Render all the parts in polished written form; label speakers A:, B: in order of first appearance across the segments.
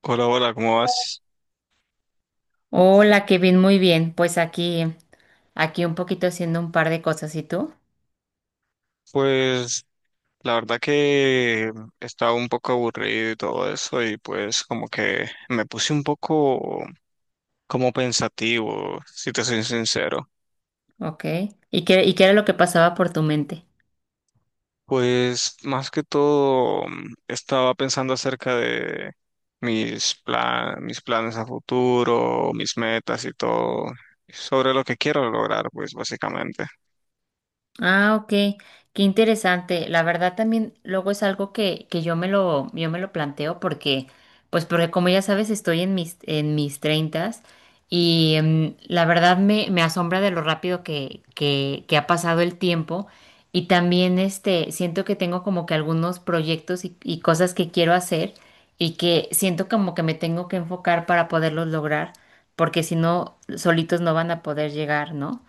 A: Hola, hola, ¿cómo vas?
B: Hola, Kevin, muy bien. Pues aquí un poquito haciendo un par de cosas. ¿Y tú?
A: Pues la verdad que estaba un poco aburrido y todo eso y pues como que me puse un poco como pensativo, si te soy sincero.
B: Ok. ¿Y qué era lo que pasaba por tu mente?
A: Pues más que todo estaba pensando acerca de mis planes a futuro, mis metas y todo, sobre lo que quiero lograr, pues básicamente.
B: Ah, ok, qué interesante. La verdad también luego es algo que yo me lo planteo porque, pues porque como ya sabes, estoy en mis treintas y la verdad me asombra de lo rápido que ha pasado el tiempo y también este, siento que tengo como que algunos proyectos y cosas que quiero hacer y que siento como que me tengo que enfocar para poderlos lograr porque si no, solitos no van a poder llegar, ¿no?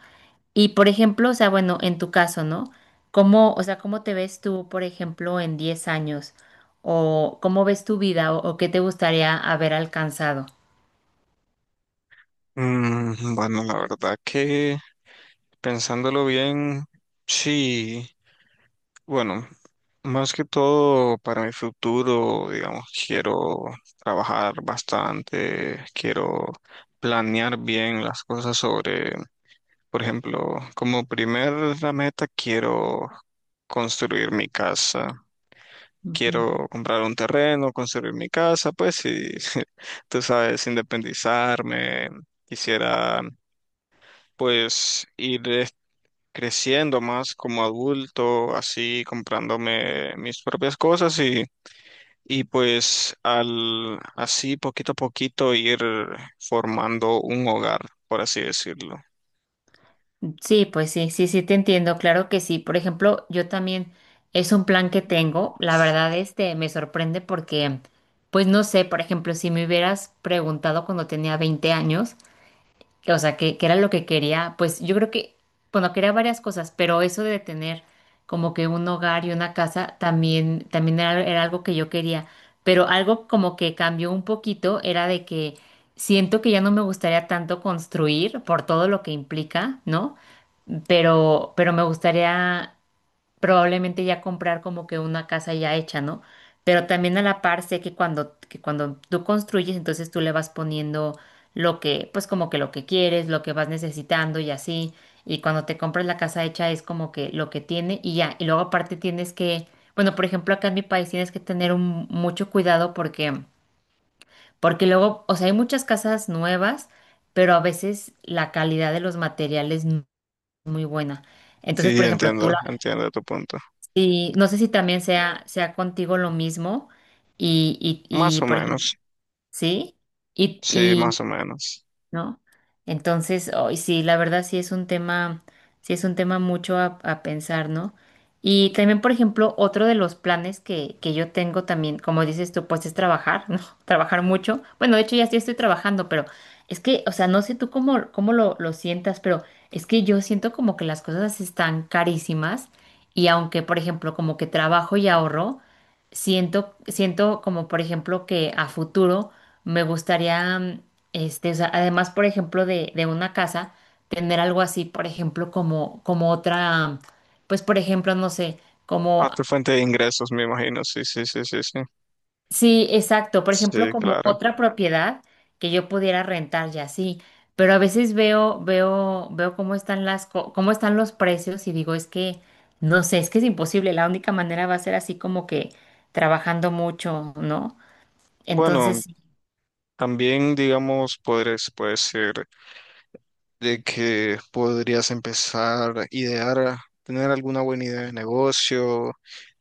B: Y por ejemplo, o sea, bueno, en tu caso, ¿no? ¿Cómo, o sea, cómo te ves tú, por ejemplo, en 10 años? ¿O cómo ves tu vida? O qué te gustaría haber alcanzado?
A: Bueno, la verdad que pensándolo bien, sí. Bueno, más que todo para mi futuro, digamos, quiero trabajar bastante, quiero planear bien las cosas sobre, por ejemplo, como primera meta quiero construir mi casa,
B: Ujú.
A: quiero comprar un terreno, construir mi casa, pues y tú sabes, independizarme, quisiera pues ir creciendo más como adulto, así comprándome mis propias cosas y pues al así poquito a poquito ir formando un hogar, por así decirlo.
B: Sí, pues sí, sí, sí te entiendo, claro que sí. Por ejemplo, yo también es un plan que tengo. La verdad, este me sorprende porque, pues no sé, por ejemplo, si me hubieras preguntado cuando tenía 20 años, o sea, que era lo que quería, pues yo creo que, bueno, quería varias cosas, pero eso de tener como que un hogar y una casa también, también era algo que yo quería, pero algo como que cambió un poquito era de que siento que ya no me gustaría tanto construir por todo lo que implica, ¿no? Pero me gustaría probablemente ya comprar como que una casa ya hecha, ¿no? Pero también a la par sé que que cuando tú construyes, entonces tú le vas poniendo lo que, pues como que lo que quieres, lo que vas necesitando y así. Y cuando te compras la casa hecha es como que lo que tiene y ya. Y luego aparte tienes que, bueno, por ejemplo, acá en mi país tienes que tener mucho cuidado porque, porque luego, o sea, hay muchas casas nuevas, pero a veces la calidad de los materiales no es muy buena. Entonces,
A: Sí,
B: por ejemplo, tú
A: entiendo, entiendo tu punto.
B: y no sé si también sea contigo lo mismo y, y,
A: Más
B: y
A: o
B: por ejemplo,
A: menos,
B: ¿sí? Y,
A: sí, más o menos.
B: ¿no? Entonces, hoy sí, la verdad sí es un tema, sí es un tema mucho a pensar, ¿no? Y también, por ejemplo, otro de los planes que yo tengo también, como dices tú, pues es trabajar, ¿no? Trabajar mucho. Bueno, de hecho ya sí estoy trabajando, pero es que, o sea, no sé tú cómo, cómo lo sientas, pero es que yo siento como que las cosas están carísimas y aunque, por ejemplo, como que trabajo y ahorro, siento como, por ejemplo, que a futuro me gustaría este, o sea, además, por ejemplo, de una casa, tener algo así, por ejemplo, como otra, pues, por ejemplo, no sé,
A: A
B: como,
A: tu fuente de ingresos, me imagino, sí, sí, sí, sí, sí.
B: sí, exacto, por ejemplo,
A: Sí,
B: como
A: claro.
B: otra propiedad que yo pudiera rentar ya así. Pero a veces veo cómo están las, cómo están los precios y digo, es que, no sé, es que es imposible. La única manera va a ser así como que trabajando mucho, ¿no? Entonces,
A: Bueno,
B: sí,
A: también digamos, podrías, puede ser de que podrías empezar a idear, a tener alguna buena idea de negocio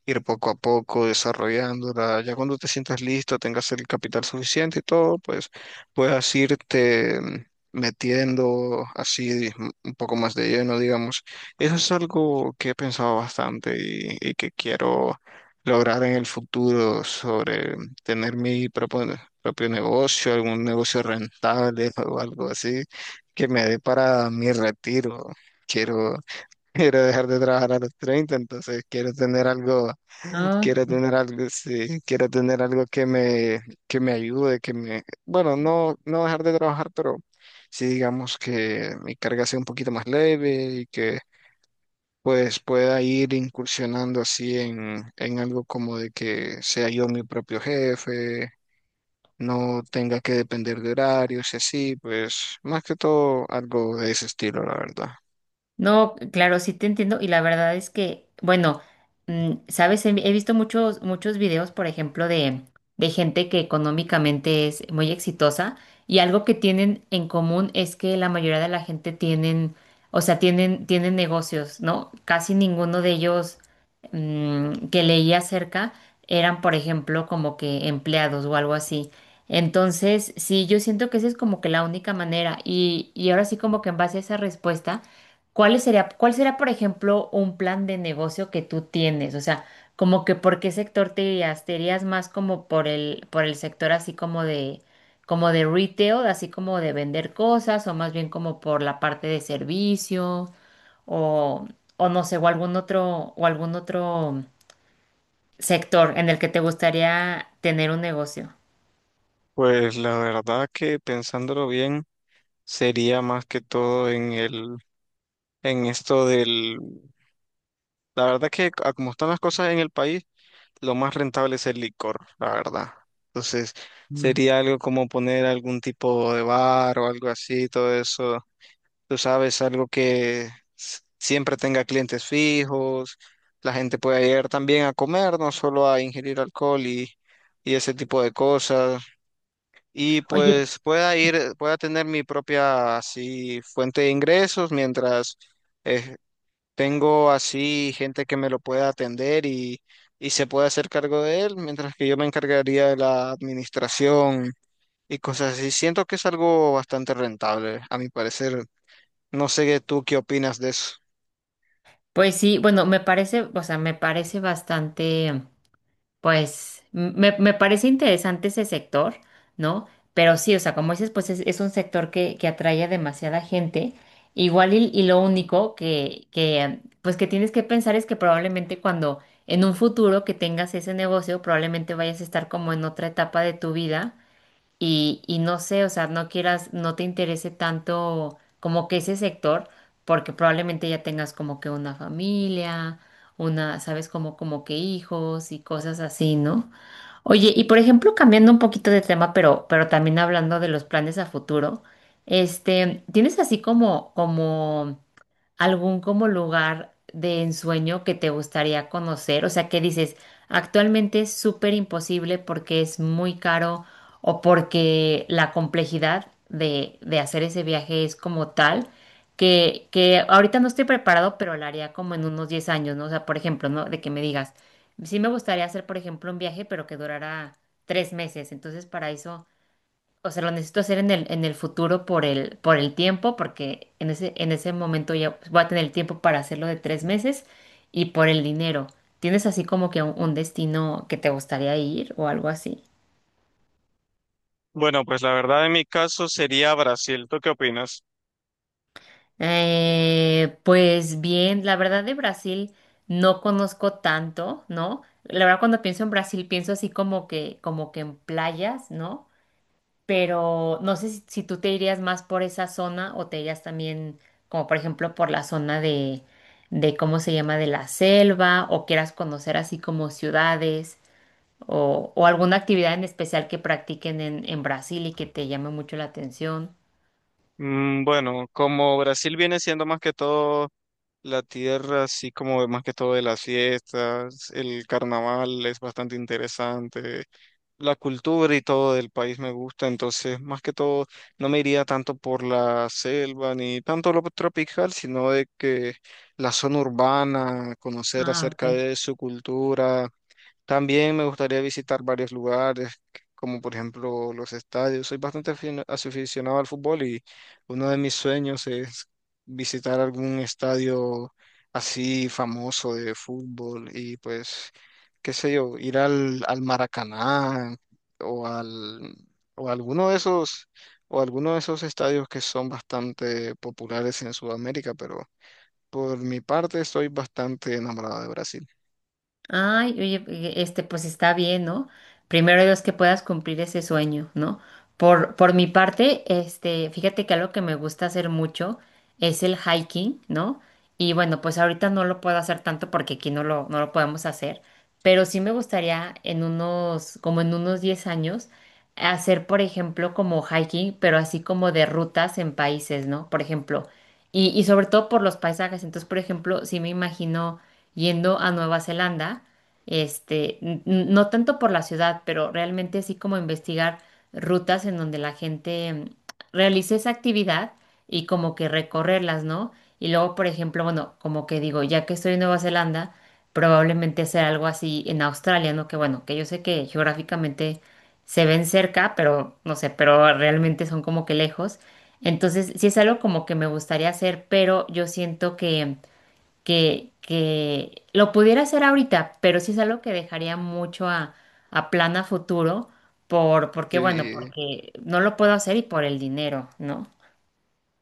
A: ir poco a poco desarrollándola. Ya cuando te sientas listo, tengas el capital suficiente y todo, pues puedas irte metiendo así un poco más de lleno, digamos. Eso es algo que he pensado bastante y que quiero lograr en el futuro sobre tener mi propio negocio, algún negocio rentable o algo así que me dé para mi retiro. Quiero, quiero dejar de trabajar a los treinta, entonces quiero tener algo.
B: ¿no?
A: Quiero tener algo, sí, quiero tener algo que me ayude, que me, bueno, no, no dejar de trabajar, pero sí digamos que mi carga sea un poquito más leve y que pues pueda ir incursionando así en algo como de que sea yo mi propio jefe, no tenga que depender de horarios y así, pues más que todo algo de ese estilo, la verdad.
B: No, claro, sí te entiendo y la verdad es que, bueno, sabes, he visto muchos videos, por ejemplo, de gente que económicamente es muy exitosa y algo que tienen en común es que la mayoría de la gente tienen, o sea, tienen, tienen negocios, ¿no? Casi ninguno de ellos que leía acerca eran, por ejemplo, como que empleados o algo así. Entonces, sí, yo siento que esa es como que la única manera y ahora sí como que en base a esa respuesta. ¿Cuál sería, cuál será, por ejemplo, un plan de negocio que tú tienes? O sea, como que por qué sector te irías más como por el sector así como de retail, así como de vender cosas, o más bien como por la parte de servicio, o, o no sé, o algún otro sector en el que te gustaría tener un negocio.
A: Pues la verdad que pensándolo bien, sería más que todo en el en esto del... La verdad que a como están las cosas en el país, lo más rentable es el licor, la verdad. Entonces,
B: Mm.
A: sería algo como poner algún tipo de bar o algo así, todo eso. Tú sabes, algo que siempre tenga clientes fijos, la gente pueda ir también a comer, no solo a ingerir alcohol y ese tipo de cosas. Y
B: Oye,
A: pues pueda ir, pueda tener mi propia así fuente de ingresos mientras eh, tengo así gente que me lo pueda atender y se puede hacer cargo de él, mientras que yo me encargaría de la administración y cosas así. Siento que es algo bastante rentable, a mi parecer. No sé tú qué opinas de eso.
B: pues sí, bueno, me parece, o sea, me parece bastante. Pues me parece interesante ese sector, ¿no? Pero sí, o sea, como dices, pues es un sector que atrae a demasiada gente. Igual y lo único que, pues que tienes que pensar es que probablemente cuando en un futuro que tengas ese negocio, probablemente vayas a estar como en otra etapa de tu vida y no sé, o sea, no quieras, no te interese tanto como que ese sector, porque probablemente ya tengas como que una familia, una, sabes, como, como que hijos y cosas así, ¿no? Oye, y por ejemplo, cambiando un poquito de tema, pero también hablando de los planes a futuro, este, ¿tienes así como, como algún como lugar de ensueño que te gustaría conocer? O sea, que dices, actualmente es súper imposible porque es muy caro o porque la complejidad de hacer ese viaje es como tal que ahorita no estoy preparado, pero lo haría como en unos 10 años, ¿no? O sea, por ejemplo, ¿no? De que me digas, sí me gustaría hacer, por ejemplo, un viaje, pero que durara 3 meses. Entonces, para eso o sea, lo necesito hacer en el futuro por el tiempo, porque en ese momento ya pues, voy a tener el tiempo para hacerlo de 3 meses y por el dinero. ¿Tienes así como que un destino que te gustaría ir o algo así?
A: Bueno, pues la verdad en mi caso sería Brasil. ¿Tú qué opinas?
B: Pues bien, la verdad de Brasil no conozco tanto, ¿no? La verdad cuando pienso en Brasil pienso así como que en playas, ¿no? Pero no sé si, si tú te irías más por esa zona o te irías también, como por ejemplo, por la zona de cómo se llama, de la selva, o quieras conocer así como ciudades, o alguna actividad en especial que practiquen en Brasil y que te llame mucho la atención.
A: Bueno, como Brasil viene siendo más que todo la tierra, así como más que todo de las fiestas, el carnaval es bastante interesante. La cultura y todo del país me gusta, entonces más que todo no me iría tanto por la selva ni tanto lo tropical, sino de que la zona urbana, conocer
B: Ah,
A: acerca
B: ok.
A: de su cultura. También me gustaría visitar varios lugares, como por ejemplo los estadios. Soy bastante aficionado al fútbol y uno de mis sueños es visitar algún estadio así famoso de fútbol y pues, qué sé yo, ir al Maracaná o al o alguno de esos o alguno de esos estadios que son bastante populares en Sudamérica, pero por mi parte estoy bastante enamorado de Brasil.
B: Ay, oye, este, pues está bien, ¿no? Primero Dios que puedas cumplir ese sueño, ¿no? Por mi parte, este, fíjate que algo que me gusta hacer mucho es el hiking, ¿no? Y bueno, pues ahorita no lo puedo hacer tanto porque aquí no lo, no lo podemos hacer, pero sí me gustaría en unos, como en unos 10 años, hacer, por ejemplo, como hiking, pero así como de rutas en países, ¿no? Por ejemplo, y sobre todo por los paisajes. Entonces, por ejemplo, sí me imagino yendo a Nueva Zelanda, este, no tanto por la ciudad, pero realmente así como investigar rutas en donde la gente realice esa actividad y como que recorrerlas, ¿no? Y luego, por ejemplo, bueno, como que digo, ya que estoy en Nueva Zelanda, probablemente hacer algo así en Australia, ¿no? Que bueno, que yo sé que geográficamente se ven cerca, pero no sé, pero realmente son como que lejos. Entonces, sí es algo como que me gustaría hacer, pero yo siento que lo pudiera hacer ahorita, pero sí es algo que dejaría mucho a plan a futuro, por, porque bueno,
A: Sí,
B: porque no lo puedo hacer y por el dinero, ¿no?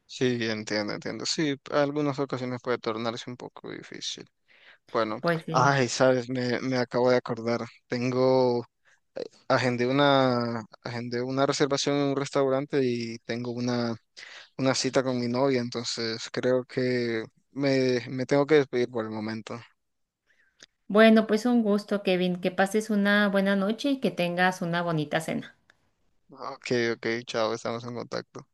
A: sí, entiendo, entiendo. Sí, algunas ocasiones puede tornarse un poco difícil. Bueno,
B: Pues sí.
A: ay, sabes, me acabo de acordar. Tengo, agendé una reservación en un restaurante y tengo una cita con mi novia, entonces creo que me tengo que despedir por el momento.
B: Bueno, pues un gusto, Kevin, que pases una buena noche y que tengas una bonita cena.
A: Ok, ok, chao, estamos en contacto.